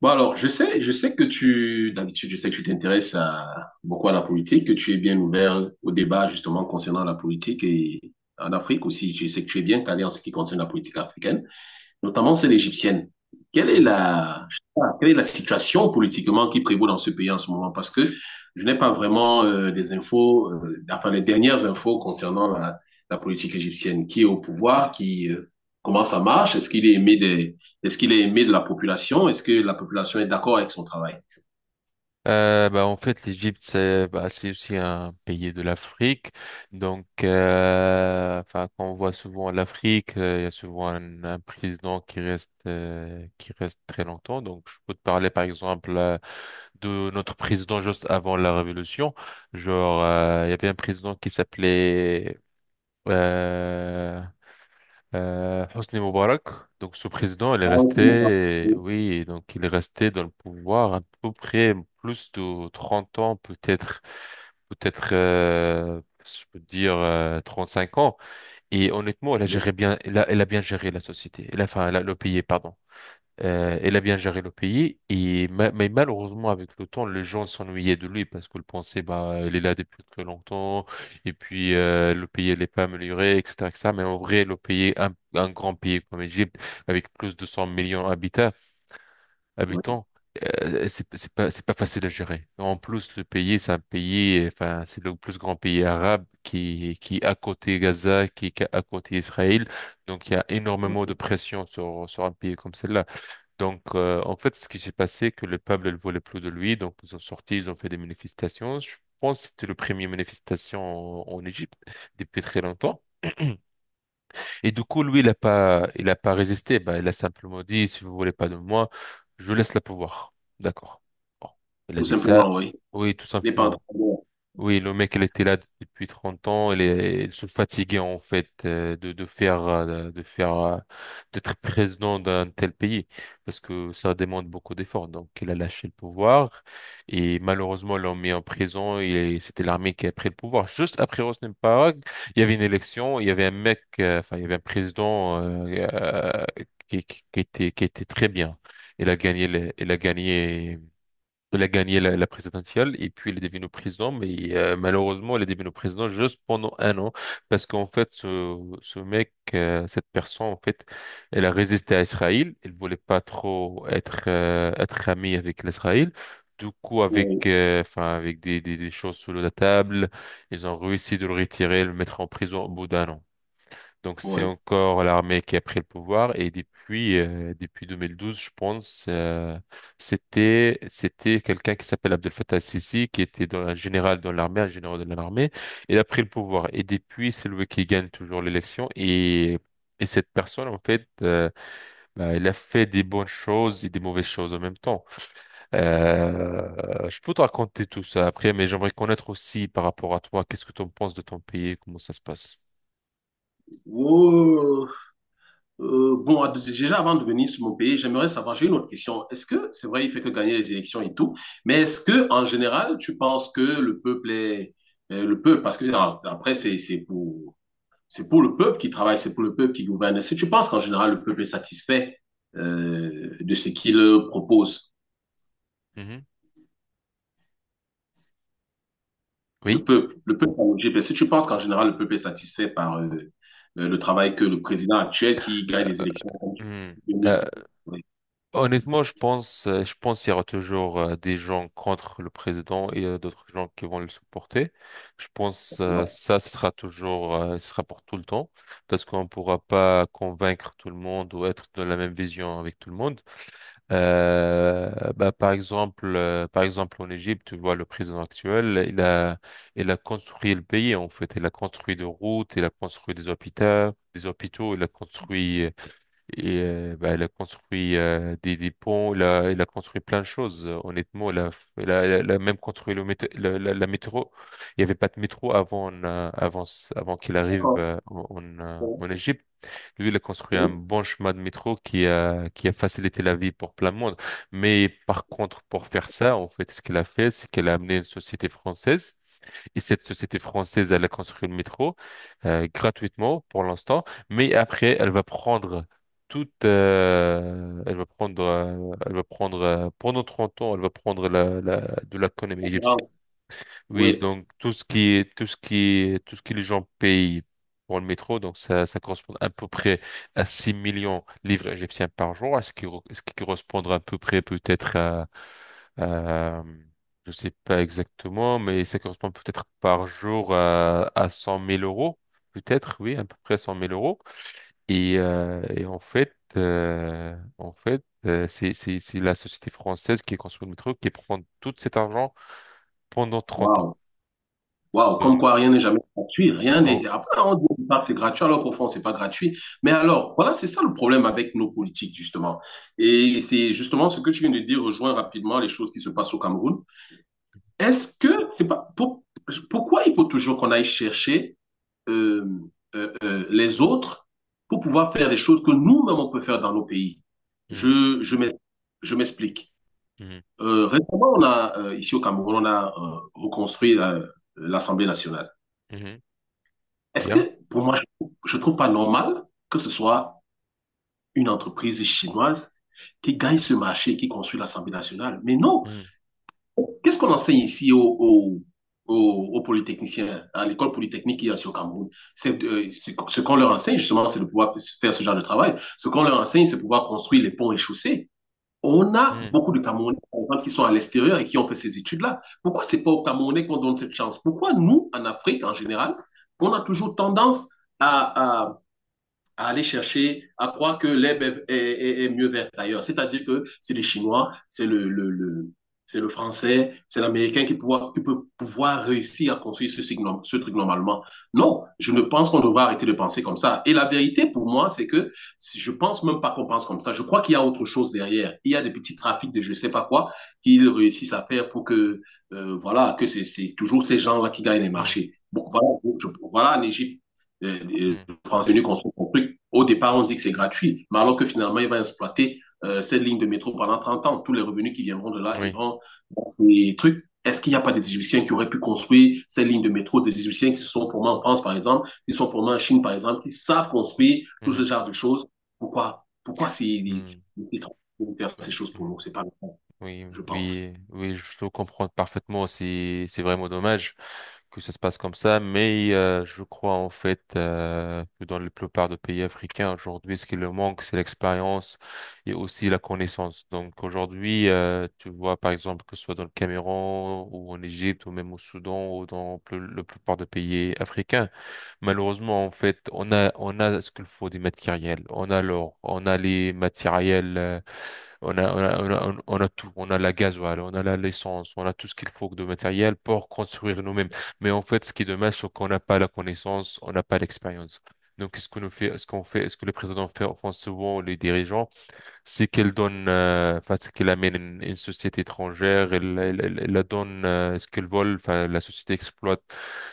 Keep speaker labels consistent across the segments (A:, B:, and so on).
A: Bon, alors, je sais que tu, d'habitude, je sais que tu t'intéresses à, beaucoup à la politique, que tu es bien ouvert au débat, justement, concernant la politique et en Afrique aussi. Je sais que tu es bien calé en ce qui concerne la politique africaine, notamment celle égyptienne. Quelle est
B: Mm.
A: la, je sais pas, quelle est la situation politiquement qui prévaut dans ce pays en ce moment? Parce que je n'ai pas vraiment des infos, enfin les dernières infos concernant la politique égyptienne. Qui est au pouvoir? Qui, comment ça marche? Est-ce qu'il est aimé de la population? Est-ce que la population est d'accord avec son travail?
B: En fait, l'Égypte, c'est aussi un pays de l'Afrique. Donc, quand on voit souvent l'Afrique, il y a souvent un président qui reste très longtemps. Donc, je peux te parler, par exemple, de notre président juste avant la Révolution. Genre, il y avait un président qui s'appelait… euh, Hosni Moubarak, donc ce président, il est
A: Ah, oui,
B: resté,
A: oui,
B: oui, donc il est resté dans le pouvoir à peu près plus de 30 ans, peut-être, je peux dire 5 ans. Et honnêtement, elle a géré bien, elle a bien géré la société, elle a- enfin la- le pays, pardon. Elle a bien géré le pays, et mais malheureusement, avec le temps, les gens s'ennuyaient de lui parce qu'ils pensaient bah elle est là depuis très longtemps et puis le pays elle est pas amélioré, etc, etc. Mais en vrai, le pays, un grand pays comme l'Égypte avec plus de 100 millions d'habitants
A: oui,
B: habitants c'est pas facile à gérer. En plus, le pays, c'est un pays, enfin c'est le plus grand pays arabe qui est à côté Gaza, qui est à côté Israël. Donc il y a énormément de
A: oui.
B: pression sur un pays comme celle-là. Donc, en fait, ce qui s'est passé, que le peuple ne voulait plus de lui. Donc, ils ont sorti, ils ont fait des manifestations. Je pense que c'était le premier manifestation en Égypte depuis très longtemps. Et du coup, lui, il a pas résisté. Bah, il a simplement dit, si vous voulez pas de moi, je laisse le pouvoir. D'accord. Bon. Il a
A: Tout
B: dit ça.
A: simplement, oui.
B: Oui, tout
A: Il n'est pas en train
B: simplement.
A: de-
B: Oui, le mec, il était là depuis 30 ans. Il, est, il se fatiguait en fait, de faire, d'être président d'un tel pays parce que ça demande beaucoup d'efforts. Donc, il a lâché le pouvoir et malheureusement, ils l'ont mis en prison. Et c'était l'armée qui a pris le pouvoir. Juste après Hosni Mubarak, il y avait une élection. Il y avait un mec, il y avait un président, qui était très bien. Il a gagné, elle a gagné la présidentielle, et puis elle est devenue président, mais malheureusement, elle est devenue président juste pendant un an, parce qu'en fait, ce mec, cette personne, en fait, elle a résisté à Israël. Elle voulait pas trop être, amie avec l'Israël. Du coup, avec,
A: Oui.
B: des choses sous la table, ils ont réussi de le retirer, et le mettre en prison au bout d'un an. Donc c'est
A: Oui.
B: encore l'armée qui a pris le pouvoir, et depuis, depuis 2012 je pense, c'était quelqu'un qui s'appelle Abdel Fattah el-Sisi, qui était un général dans l'armée, un général de l'armée il a pris le pouvoir, et depuis c'est lui qui gagne toujours l'élection. Et cette personne en fait, bah, elle a fait des bonnes choses et des mauvaises choses en même temps. Je peux te raconter tout ça après, mais j'aimerais connaître aussi par rapport à toi qu'est-ce que tu en penses de ton pays, comment ça se passe.
A: Oh. Bon, déjà avant de venir sur mon pays, j'aimerais savoir, j'ai une autre question. Est-ce que, c'est vrai, il fait que gagner les élections et tout, mais est-ce que, en général, tu penses que le peuple est, le peuple, parce que ah, après, c'est pour le peuple qui travaille, c'est pour le peuple qui gouverne. Est-ce que tu penses qu'en général, le peuple est satisfait, de ce qu'il propose?
B: Mhm. Oui.
A: Le peuple en Égypte, est-ce que tu penses qu'en général, le peuple est satisfait par, le travail que le président actuel qui gagne les élections en
B: Hmm. Euh,
A: 2012,
B: Honnêtement, je pense, qu'il y aura toujours, des gens contre le président, et d'autres gens qui vont le supporter. Je pense, ça, ce sera toujours, ce sera pour tout le temps, parce qu'on ne pourra pas convaincre tout le monde ou être de la même vision avec tout le monde. Euh, Par exemple, en Égypte, tu vois le président actuel, il a construit le pays en fait, il a construit des routes, il a construit des hôpitaux, il a construit, et bah, elle a construit, des ponts, elle a construit plein de choses. Honnêtement, elle a même construit le métro, la métro. Il n'y avait pas de métro avant, avant qu'il arrive,
A: d'accord. Oui.
B: en Égypte. Lui, il a construit un
A: Oui.
B: bon chemin de métro qui a facilité la vie pour plein de monde. Mais par contre, pour faire ça, en fait, ce qu'elle a fait, c'est qu'elle a amené une société française, et cette société française, elle a construit le métro, gratuitement pour l'instant, mais après, elle va prendre toute, elle va prendre pendant 30 ans, elle va prendre de l'économie égyptienne.
A: Concurrence.
B: Oui,
A: Oui.
B: donc tout ce que les gens payent pour le métro, donc ça correspond à peu près à 6 millions de livres égyptiens par jour, à ce qui, ce qui correspondra à peu près peut-être à, euh, je sais pas exactement, mais ça correspond peut-être par jour à 100 000 euros, peut-être, oui, à peu près 100 000 euros. Et, c'est la société française qui est construite le métro qui prend tout cet argent pendant 30 ans.
A: Waouh. Waouh.
B: Donc,
A: Comme quoi, rien n'est jamais gratuit. Rien
B: oh,
A: n'est. Après, on dit au départ que c'est gratuit, alors qu'au fond, c'est pas gratuit. Mais alors, voilà, c'est ça le problème avec nos politiques, justement. Et c'est justement ce que tu viens de dire, rejoint rapidement les choses qui se passent au Cameroun. Est-ce que c'est pas. Pour- Pourquoi il faut toujours qu'on aille chercher euh, les autres pour pouvoir faire des choses que nous-mêmes on peut faire dans nos pays.
B: hmm,
A: Je, je m'ex- je m'explique.
B: hmm,
A: Récemment, on a, ici au Cameroun, on a reconstruit la- l'Assemblée nationale.
B: hmm,
A: Est-ce
B: bien,
A: que, pour moi, je ne trouve pas normal que ce soit une entreprise chinoise qui gagne ce marché, et qui construit l'Assemblée nationale? Mais non!
B: hmm,
A: Qu'est-ce qu'on enseigne ici aux polytechniciens, à l'école polytechnique qu'il y a sur Cameroun? C'est, ce qu'on leur enseigne, justement, c'est de pouvoir faire ce genre de travail. Ce qu'on leur enseigne, c'est de pouvoir construire les ponts et chaussées. On a
B: hmm,
A: beaucoup de Camerounais qui sont à l'extérieur et qui ont fait ces études-là. Pourquoi c'est pas aux Camerounais qu'on donne cette chance? Pourquoi nous, en Afrique, en général, on a toujours tendance à. à, à aller chercher, à croire que l'herbe est, est- est mieux verte ailleurs. C'est-à-dire que c'est les Chinois, c'est le- c'est le Français, c'est l'Américain qui peut pouvoir réussir à construire ce truc normalement. Non, je ne pense qu'on devrait arrêter de penser comme ça. Et la vérité pour moi, c'est que si- je ne pense même pas qu'on pense comme ça. Je crois qu'il y a autre chose derrière. Il y a des petits trafics de je ne sais pas quoi qu'ils réussissent à faire pour que, voilà, que c'est toujours ces gens-là qui gagnent les
B: hmm,
A: marchés. Bon, voilà, je- voilà en Égypte. Euh,
B: hmm,
A: euh, transvenu qu'on se construit. Au départ, on dit que c'est gratuit, mais alors que finalement, il va exploiter cette ligne de métro pendant 30 ans. Tous les revenus qui viendront de là
B: oui,
A: iront dans les trucs. Est-ce qu'il n'y a pas des Égyptiens qui auraient pu construire ces lignes de métro, des Égyptiens qui sont pour moi en France, par exemple, qui sont pour moi en Chine, par exemple, qui savent construire tout
B: hmm,
A: ce genre de choses? Pourquoi c'est
B: hmm,
A: faire ces choses pour
B: hmm,
A: nous? C'est pas le cas,
B: oui,
A: je pense.
B: oui, oui, je te comprends parfaitement. C'est vraiment dommage que ça se passe comme ça, mais, je crois en fait, que dans la plupart des pays africains aujourd'hui, ce qui leur manque, c'est l'expérience et aussi la connaissance. Donc aujourd'hui, tu vois par exemple que ce soit dans le Cameroun, ou en Égypte, ou même au Soudan, ou dans la plupart des pays africains, malheureusement, en fait, on a ce qu'il faut des matériels, on a l'or, on a les matériels, on a tout. On a la gasoil, l'essence, on a tout ce qu'il faut de matériel pour construire nous-mêmes. Mais en fait, ce qui est dommage, c'est qu'on n'a pas la connaissance, on n'a pas l'expérience. Donc, ce qu'on nous fait, ce qu'on fait, ce que le président fait, enfin, souvent les dirigeants, c'est qu'elle donne, c'est qu'elle amène, une société étrangère, elle la donne, ce qu'elle vole, enfin, la société exploite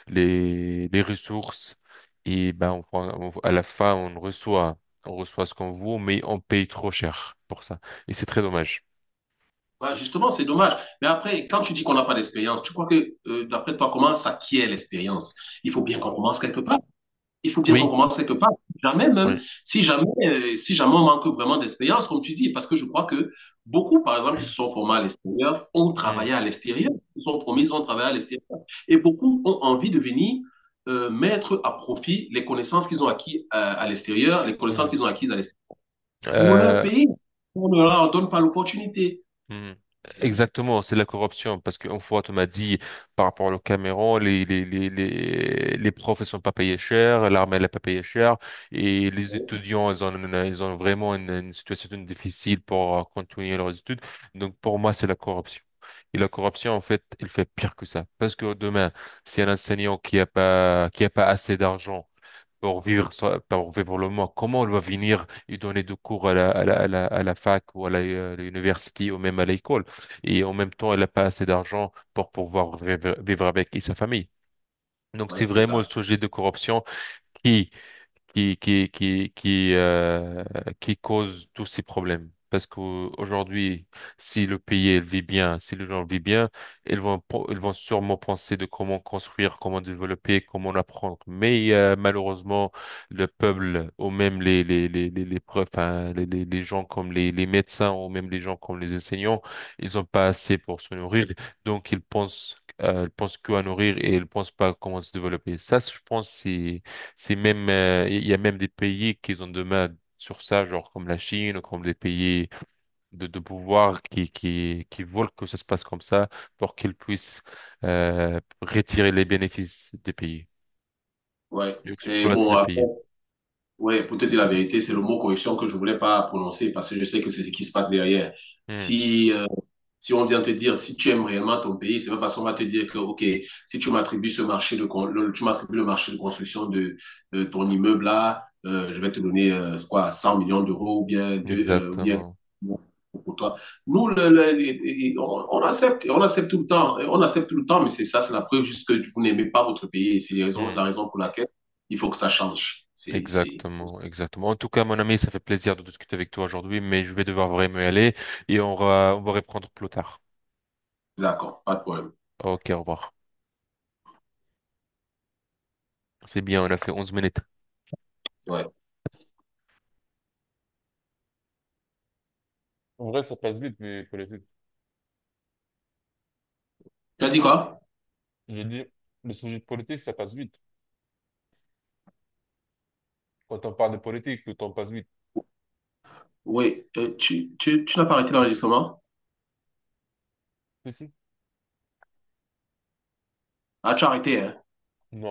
B: les ressources, et ben, on, à la fin, on reçoit, ce qu'on vaut, mais on paye trop cher pour ça. Et c'est très dommage.
A: Ouais, justement, c'est dommage. Mais après, quand tu dis qu'on n'a pas d'expérience, tu crois que, d'après toi, comment s'acquiert l'expérience? Il faut bien
B: Mm.
A: qu'on commence quelque part. Il faut bien qu'on
B: Oui,
A: commence quelque part. Jamais même,
B: oui.
A: si jamais, si jamais on manque vraiment d'expérience, comme tu dis, parce que je crois que beaucoup, par exemple, qui se sont formés à l'extérieur, ont
B: Mm,
A: travaillé à l'extérieur. Ils sont formés,
B: mm,
A: ils ont travaillé à l'extérieur. Et beaucoup ont envie de venir mettre à profit les connaissances qu'ils ont acquises à l'extérieur, les connaissances
B: mm.
A: qu'ils ont acquises à l'extérieur pour leur
B: Euh,
A: pays. On ne leur donne pas l'opportunité.
B: Mhm.
A: C'est ça.
B: Exactement, c'est de la corruption. Parce qu'une fois, tu m'as dit, par rapport au Cameroun, les profs, ils sont pas payés cher, l'armée, elle n'est pas payée cher, et les étudiants, ils ont, ils ont vraiment, une situation difficile pour, continuer leurs études. Donc, pour moi, c'est la corruption. Et la corruption, en fait, elle fait pire que ça. Parce que demain, si un enseignant qui a pas assez d'argent pour vivre, pour vivre le mois. Comment elle va venir, ils donnaient des cours à la fac, ou à l'université, ou même à l'école. Et en même temps, elle n'a pas assez d'argent pour pouvoir vivre, vivre avec et sa famille. Donc, c'est
A: Ouais, c'est
B: vraiment le
A: ça.
B: sujet de corruption qui qui qui qui qui euh, qui cause tous ces problèmes. Parce qu'aujourd'hui, si le pays il vit bien, si les gens vivent bien, ils vont sûrement penser de comment construire, comment développer, comment apprendre. Mais, malheureusement, le peuple, ou même les, preuves, hein, les gens comme les médecins, ou même les gens comme les enseignants, ils ont pas assez pour se nourrir. Donc ils pensent qu'à nourrir, et ils pensent pas à comment se développer. Ça, je pense, c'est même, il y a même des pays qui ont des mains sur ça, genre comme la Chine, ou comme des pays de pouvoir, qui veulent que ça se passe comme ça pour qu'ils puissent, retirer les bénéfices des pays.
A: Ouais.
B: Ils
A: C'est
B: exploitent
A: bon.
B: le
A: Après,
B: pays.
A: oui, pour te dire la vérité, c'est le mot corruption que je voulais pas prononcer parce que je sais que c'est ce qui se passe derrière.
B: Hmm,
A: Si, si on vient te dire, si tu aimes réellement ton pays, c'est pas parce qu'on va te dire que, OK, si tu m'attribues ce marché de, con- le, tu m'attribues le marché de construction de ton immeuble là, je vais te donner, quoi, 100 millions d'euros ou bien, deux, ou bien
B: exactement.
A: pour toi. Nous, le- on accepte tout le temps, on accepte tout le temps, mais c'est ça, c'est la preuve juste que vous n'aimez pas votre pays et c'est les raisons-
B: Hmm,
A: la raison pour laquelle il faut que ça change. C'est...
B: exactement, exactement. En tout cas, mon ami, ça fait plaisir de discuter avec toi aujourd'hui, mais je vais devoir vraiment y aller, et on va reprendre plus tard.
A: D'accord, pas de problème.
B: Ok, au revoir. C'est bien, on a fait 11 minutes.
A: Ouais.
B: En vrai, ça passe vite, mais pour les…
A: Tu as dit quoi?
B: J'ai dit, le sujet de politique, ça passe vite. Quand on parle de politique, le temps passe vite.
A: Oui, tu n'as pas arrêté l'enregistrement?
B: Si, si.
A: Ah, tu as arrêté, hein?
B: Non,